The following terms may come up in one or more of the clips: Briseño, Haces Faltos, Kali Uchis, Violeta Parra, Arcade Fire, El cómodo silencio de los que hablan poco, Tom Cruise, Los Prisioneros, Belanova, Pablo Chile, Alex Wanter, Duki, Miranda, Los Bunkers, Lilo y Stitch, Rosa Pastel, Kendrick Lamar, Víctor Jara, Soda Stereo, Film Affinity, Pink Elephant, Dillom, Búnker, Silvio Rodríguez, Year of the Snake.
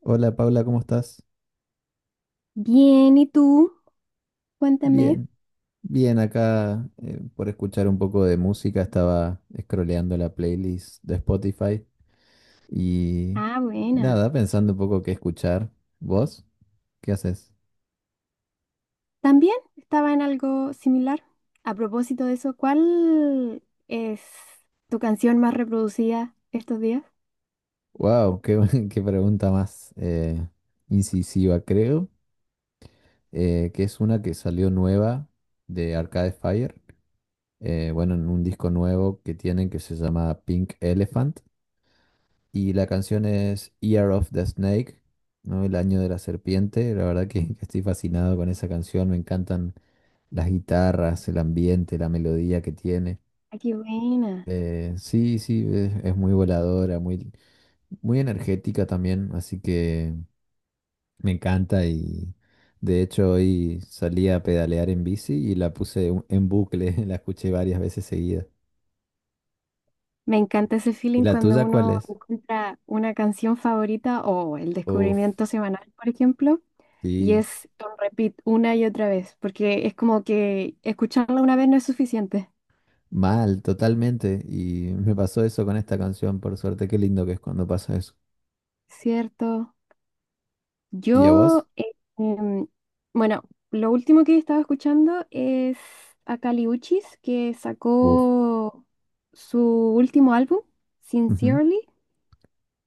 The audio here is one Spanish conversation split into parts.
Hola Paula, ¿cómo estás? Bien, ¿y tú? Cuéntame. Bien, bien acá por escuchar un poco de música, estaba scrolleando la playlist de Spotify y Ah, buena. nada, pensando un poco qué escuchar. ¿Vos? ¿Qué haces? También estaba en algo similar. A propósito de eso, ¿cuál es tu canción más reproducida estos días? Wow, qué pregunta más incisiva, creo, que es una que salió nueva de Arcade Fire, bueno, en un disco nuevo que tienen que se llama Pink Elephant. Y la canción es Year of the Snake, ¿no? El año de la serpiente. La verdad que estoy fascinado con esa canción. Me encantan las guitarras, el ambiente, la melodía que tiene. Ah, qué buena. Sí, sí, es muy voladora, muy, muy energética también. Así que me encanta y de hecho hoy salí a pedalear en bici y la puse en bucle. La escuché varias veces seguidas. Me encanta ese ¿Y feeling la cuando tuya cuál uno es? encuentra una canción favorita o el Uf, descubrimiento semanal, por ejemplo, y sí. es un repeat una y otra vez, porque es como que escucharla una vez no es suficiente, Mal, totalmente. Y me pasó eso con esta canción, por suerte. Qué lindo que es cuando pasa eso. ¿cierto? ¿Y a vos? Yo, em, bueno, lo último que estaba escuchando es a Kali Uchis, que Uf. sacó su último álbum, Ujú. Sincerely,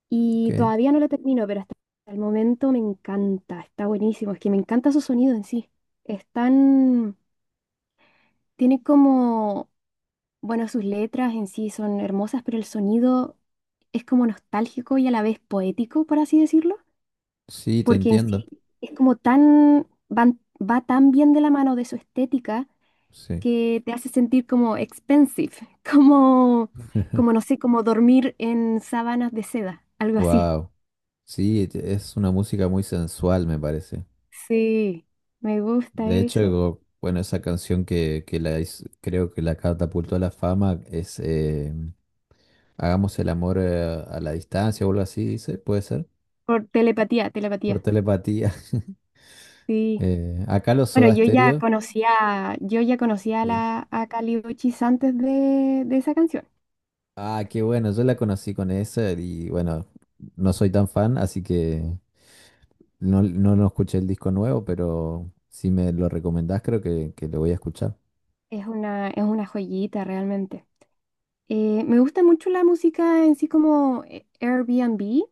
y Ok. todavía no lo termino, pero hasta el momento me encanta, está buenísimo, es que me encanta su sonido en sí. Están, tiene como, bueno, sus letras en sí son hermosas, pero el sonido es como nostálgico y a la vez poético, por así decirlo. Sí, te Porque en sí entiendo. es como tan, va tan bien de la mano de su estética Sí. que te hace sentir como expensive, como, como no sé, como dormir en sábanas de seda, algo así. Wow. Sí, es una música muy sensual, me parece. Sí, me gusta De hecho, eso. Bueno, esa canción que creo que la catapultó a la fama es Hagamos el amor a la distancia o algo así, dice, puede ser, Por telepatía, telepatía. por telepatía. Sí. Acá los Bueno, Soda Stereo. Yo ya conocía a Sí. la a Kali Uchis antes de esa canción. Ah, qué bueno, yo la conocí con esa y bueno, no soy tan fan, así que no, no, no escuché el disco nuevo, pero si me lo recomendás creo que lo voy a escuchar. Es una joyita realmente. Me gusta mucho la música en sí como Airbnb.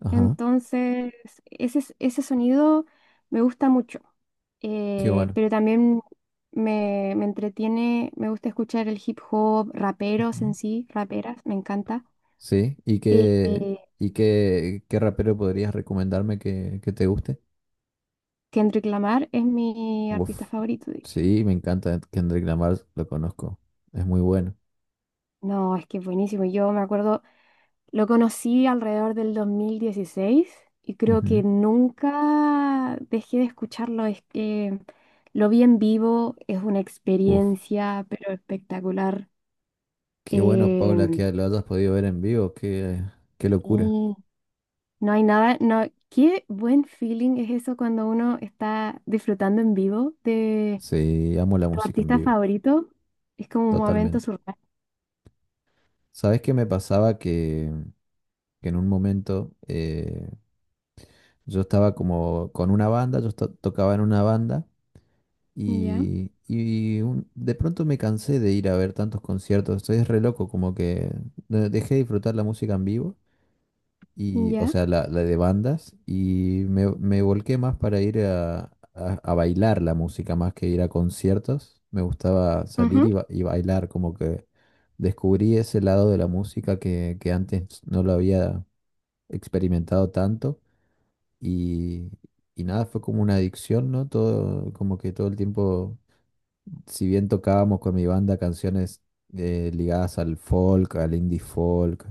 Ajá, Entonces, ese sonido me gusta mucho. qué bueno. Pero también me entretiene, me gusta escuchar el hip hop, raperos Ujú. en sí, raperas, me encanta. Sí, ¿y Eh, qué, eh, y qué, qué rapero podrías recomendarme que te guste? Kendrick Lamar es mi artista Uf, favorito, diría yo. sí, me encanta Kendrick Lamar, lo conozco, es muy bueno. No, es que es buenísimo. Yo me acuerdo, lo conocí alrededor del 2016 y creo que Ujú. nunca dejé de escucharlo. Es que lo vi en vivo, es una Uf, experiencia, pero espectacular. qué bueno, Paula, Em. que lo hayas podido ver en vivo, qué locura. Sí. No hay nada, no, qué buen feeling es eso cuando uno está disfrutando en vivo de Sí, amo la tu música en artista vivo, favorito. Es como un momento totalmente. surreal. ¿Sabés qué me pasaba? Que en un momento yo estaba como con una banda, tocaba en una banda Ya, y de pronto me cansé de ir a ver tantos conciertos. Estoy es re loco, como que dejé de disfrutar la música en vivo, y, o ya. sea, la, de bandas, y me volqué más para ir a, a bailar la música más que ir a conciertos. Me gustaba salir Ujú, y bailar, como que descubrí ese lado de la música que antes no lo había experimentado tanto y, y nada, fue como una adicción, ¿no? Todo, como que todo el tiempo, si bien tocábamos con mi banda canciones ligadas al folk, al indie folk,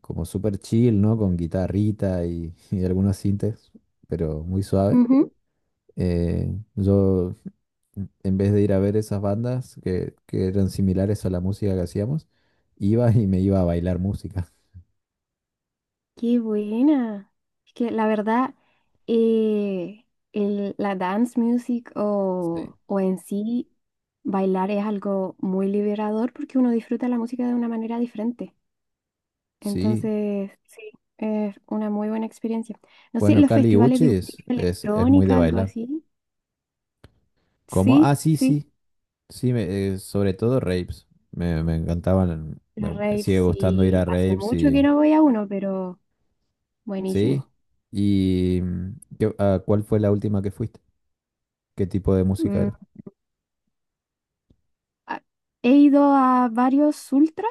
como súper chill, ¿no? Con guitarrita y, y algunos sintes, pero muy suave. ujú. Yo, en vez de ir a ver esas bandas que eran similares a la música que hacíamos, iba y me iba a bailar música. Qué buena. Es que la verdad, eh, la dance music Sí. O en sí bailar es algo muy liberador porque uno disfruta la música de una manera diferente. Sí, Entonces, sí, es una muy buena experiencia. No sé, bueno, los Kali festivales de Uchis música es, es muy de electrónica, algo bailar. así. ¿Cómo? Ah, Sí, sí, sí, sí. Sí, sobre todo raves. Me encantaban. Me, los me raves, sigue gustando ir sí. a Hace raves mucho que y. no voy a uno, pero Sí. buenísimo. ¿Y a cuál fue la última que fuiste? ¿Qué tipo de música Mm, era? a- he ido a varios ultra,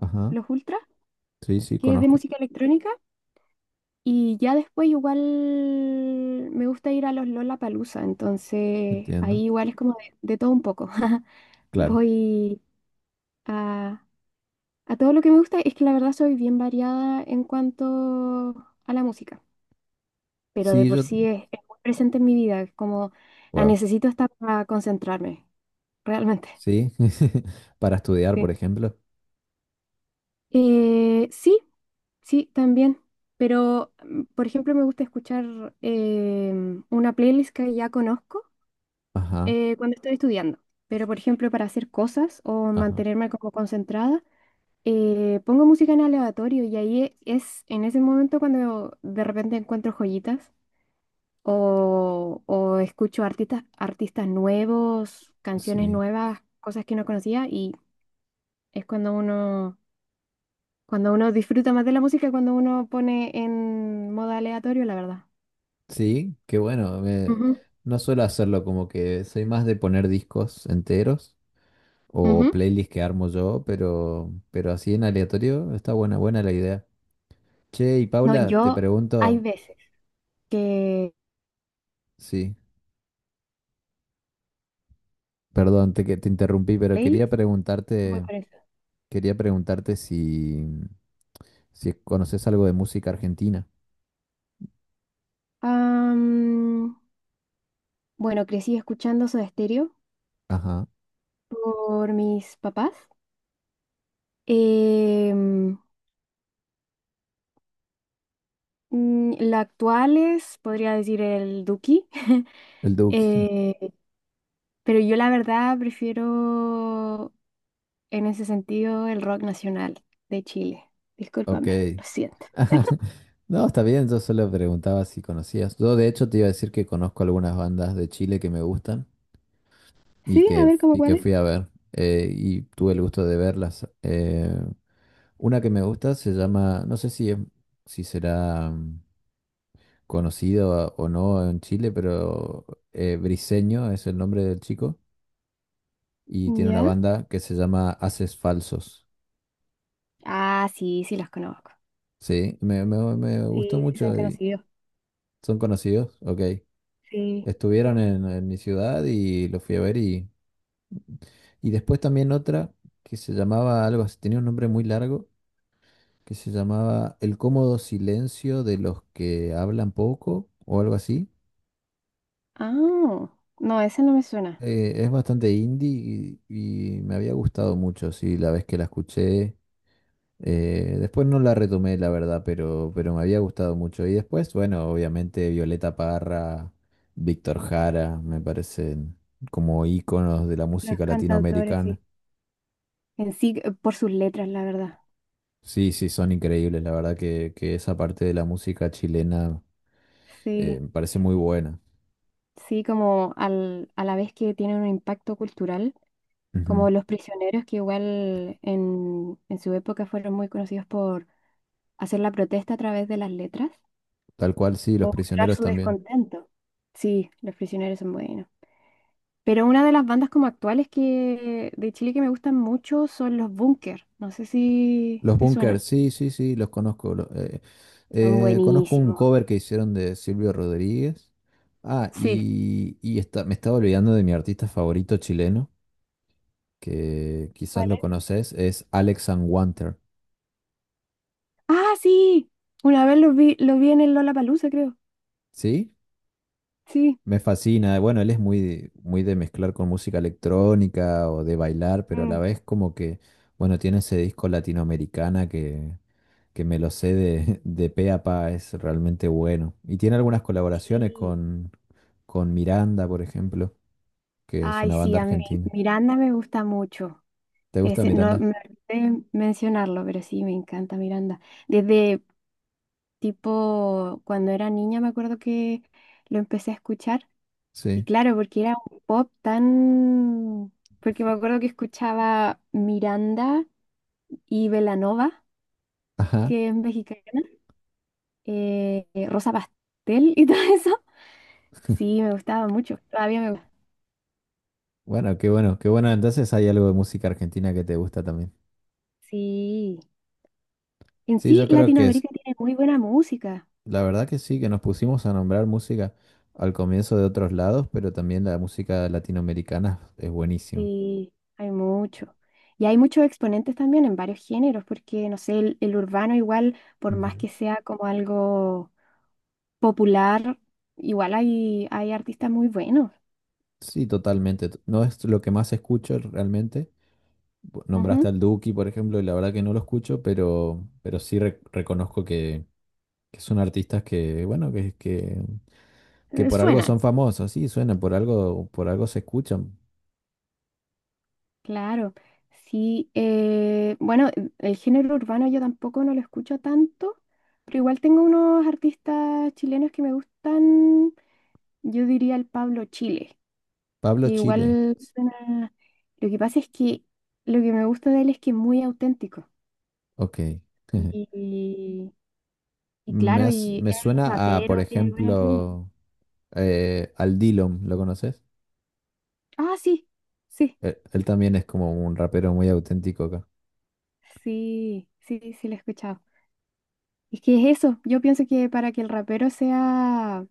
Ajá. los ultra, Sí, sí, que es de conozco. música electrónica, y ya después igual me gusta ir a los Lollapalooza, entonces Entiendo. ahí igual es como de todo un poco. Claro. Voy a A todo lo que me gusta es que la verdad soy bien variada en cuanto a la música, pero de Sí, por yo. sí es muy presente en mi vida, es como la Wow. necesito hasta para concentrarme, realmente. Sí. Para estudiar, por Sí, ejemplo. Sí, sí, también, pero mm, por ejemplo me gusta escuchar una playlist que ya conozco Ajá. Cuando estoy estudiando, pero por ejemplo para hacer cosas o Ajá. mantenerme como concentrada. Pongo música en aleatorio y ahí es en ese momento cuando de repente encuentro joyitas o escucho artistas, artistas nuevos, canciones Sí. nuevas, cosas que no conocía y es cuando uno disfruta más de la música, cuando uno pone en modo aleatorio, la verdad. Sí, qué bueno. Ujú, No suelo hacerlo, como que soy más de poner discos enteros. O ujú. playlist que armo yo, pero así en aleatorio está buena, buena la idea. Che, y No, Paula, te yo hay pregunto, veces que sí, perdón, que te interrumpí, pero playlist quería voy preguntarte, por eso. quería preguntarte si conoces algo de música argentina. Am, bueno, crecí escuchando Soda Stereo Ajá, por mis papás. Em, la actual es, podría decir, el Duki. el Duki. Eh, pero yo la verdad prefiero en ese sentido el rock nacional de Chile. Ok. Discúlpame, lo siento. No, está bien, yo solo preguntaba si conocías. Yo de hecho te iba a decir que conozco algunas bandas de Chile que me gustan y Sí, a que, ver cómo y cuál que es. fui a ver y tuve el gusto de verlas. Una que me gusta se llama, no sé si será conocido o no en Chile, pero Briseño es el nombre del chico y tiene una ¿Ya? banda que se llama Haces Falsos. Ah, sí, sí los conozco. Sí, me gustó Sí, sí son mucho y conocidos. son conocidos, ok. Sí. Estuvieron en mi ciudad y los fui a ver y después también otra que se llamaba algo así, tenía un nombre muy largo, que se llamaba El cómodo silencio de los que hablan poco o algo así. Ah, no, ese no me suena. Es bastante indie y me había gustado mucho, sí, la vez que la escuché. Después no la retomé, la verdad, pero me había gustado mucho. Y después, bueno, obviamente Violeta Parra, Víctor Jara, me parecen como íconos de la Los música cantautores, latinoamericana. sí. En sí, por sus letras, la verdad. Sí, sí, son increíbles. La verdad que esa parte de la música chilena Sí. me parece muy buena. Sí, como a la vez que tienen un impacto cultural, Ujú. como los prisioneros que igual en su época fueron muy conocidos por hacer la protesta a través de las letras Tal cual, sí, o Los mostrar Prisioneros su también. descontento. Sí, los prisioneros son buenos. Pero una de las bandas como actuales que de Chile que me gustan mucho son los Búnker. No sé si Los te Bunkers, suenan. sí, sí, sí, los conozco. lo- eh, Son eh, conozco un buenísimos. cover que hicieron de Silvio Rodríguez. Ah, Sí. y me estaba olvidando de mi artista favorito chileno, que ¿Cuál quizás lo es? conoces, es Alex Wanter. Ah, sí. Una vez los vi en el Lollapalooza, creo. ¿Sí? Sí. Me fascina. Bueno, él es muy, muy de mezclar con música electrónica o de bailar, pero a la Mm. vez como que, bueno, tiene ese disco latinoamericana que me lo sé de, de pe a pa, es realmente bueno. Y tiene algunas colaboraciones Sí. con Miranda, por ejemplo, que es Ay, una sí, banda a mí argentina. Miranda me gusta mucho. ¿Te gusta Ese, no Miranda? me olvidé mencionarlo, pero sí, me encanta Miranda. Desde tipo cuando era niña me acuerdo que lo empecé a escuchar. Y Sí. claro, porque era un pop tan... Porque me acuerdo que escuchaba Miranda y Belanova, Ajá. que es mexicana, Rosa Pastel y todo eso. Sí, me gustaba mucho. Todavía me gusta. Bueno, qué bueno, qué bueno. Entonces hay algo de música argentina que te gusta también. Sí. En Sí, sí, yo creo que es, Latinoamérica tiene muy buena música. la verdad que sí, que nos pusimos a nombrar música al comienzo de otros lados, pero también la música latinoamericana es buenísima. Sí, hay mucho. Y hay muchos exponentes también en varios géneros, porque, no sé, el urbano igual, por más Ujú. que sea como algo popular, igual hay, hay artistas muy buenos. Sí, totalmente. No es lo que más escucho realmente. Nombraste Ujú. al Duki, por ejemplo, y la verdad que no lo escucho, pero sí reconozco que son artistas que, bueno, que por algo son Suenan, famosos. Sí, suenan, por algo se escuchan. claro. Sí, bueno, el género urbano yo tampoco no lo escucho tanto, pero igual tengo unos artistas chilenos que me gustan, yo diría el Pablo Chile. Pablo Que Chile, igual suena... Lo que pasa es que lo que me gusta de él es que es muy auténtico. ok. Y, y Me, claro, has- y me es suena a, por rapero, tiene buenos ritmos. ejemplo, al Dillom, ¿lo conoces? Ah, sí, Él también es como un rapero muy auténtico acá. Sí, sí, lo he escuchado. Es que es eso, yo pienso que para que el rapero sea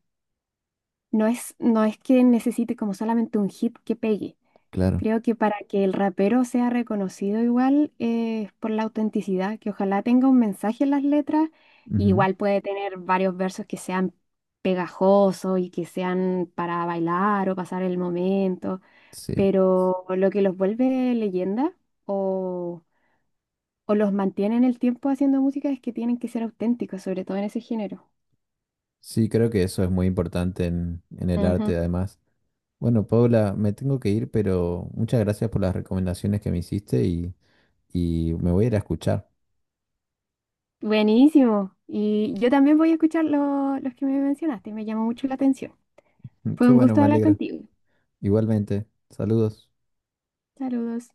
no no es que necesite como solamente un hit que pegue. Claro. Creo que para que el rapero sea reconocido igual es por la autenticidad, que ojalá tenga un mensaje en las letras, Ujú. igual puede tener varios versos que sean pegajosos y que sean para bailar o pasar el momento, Sí. pero lo que los vuelve leyenda o, o los mantiene en el tiempo haciendo música es que tienen que ser auténticos, sobre todo en ese género. Sí, creo que eso es muy importante en el Ujú. arte, además. Bueno, Paula, me tengo que ir, pero muchas gracias por las recomendaciones que me hiciste y me voy a ir a escuchar. Buenísimo. Y yo también voy a escuchar los que me mencionaste. Me llamó mucho la atención. Fue Qué un bueno, gusto me hablar alegro. contigo. Igualmente, saludos. Saludos.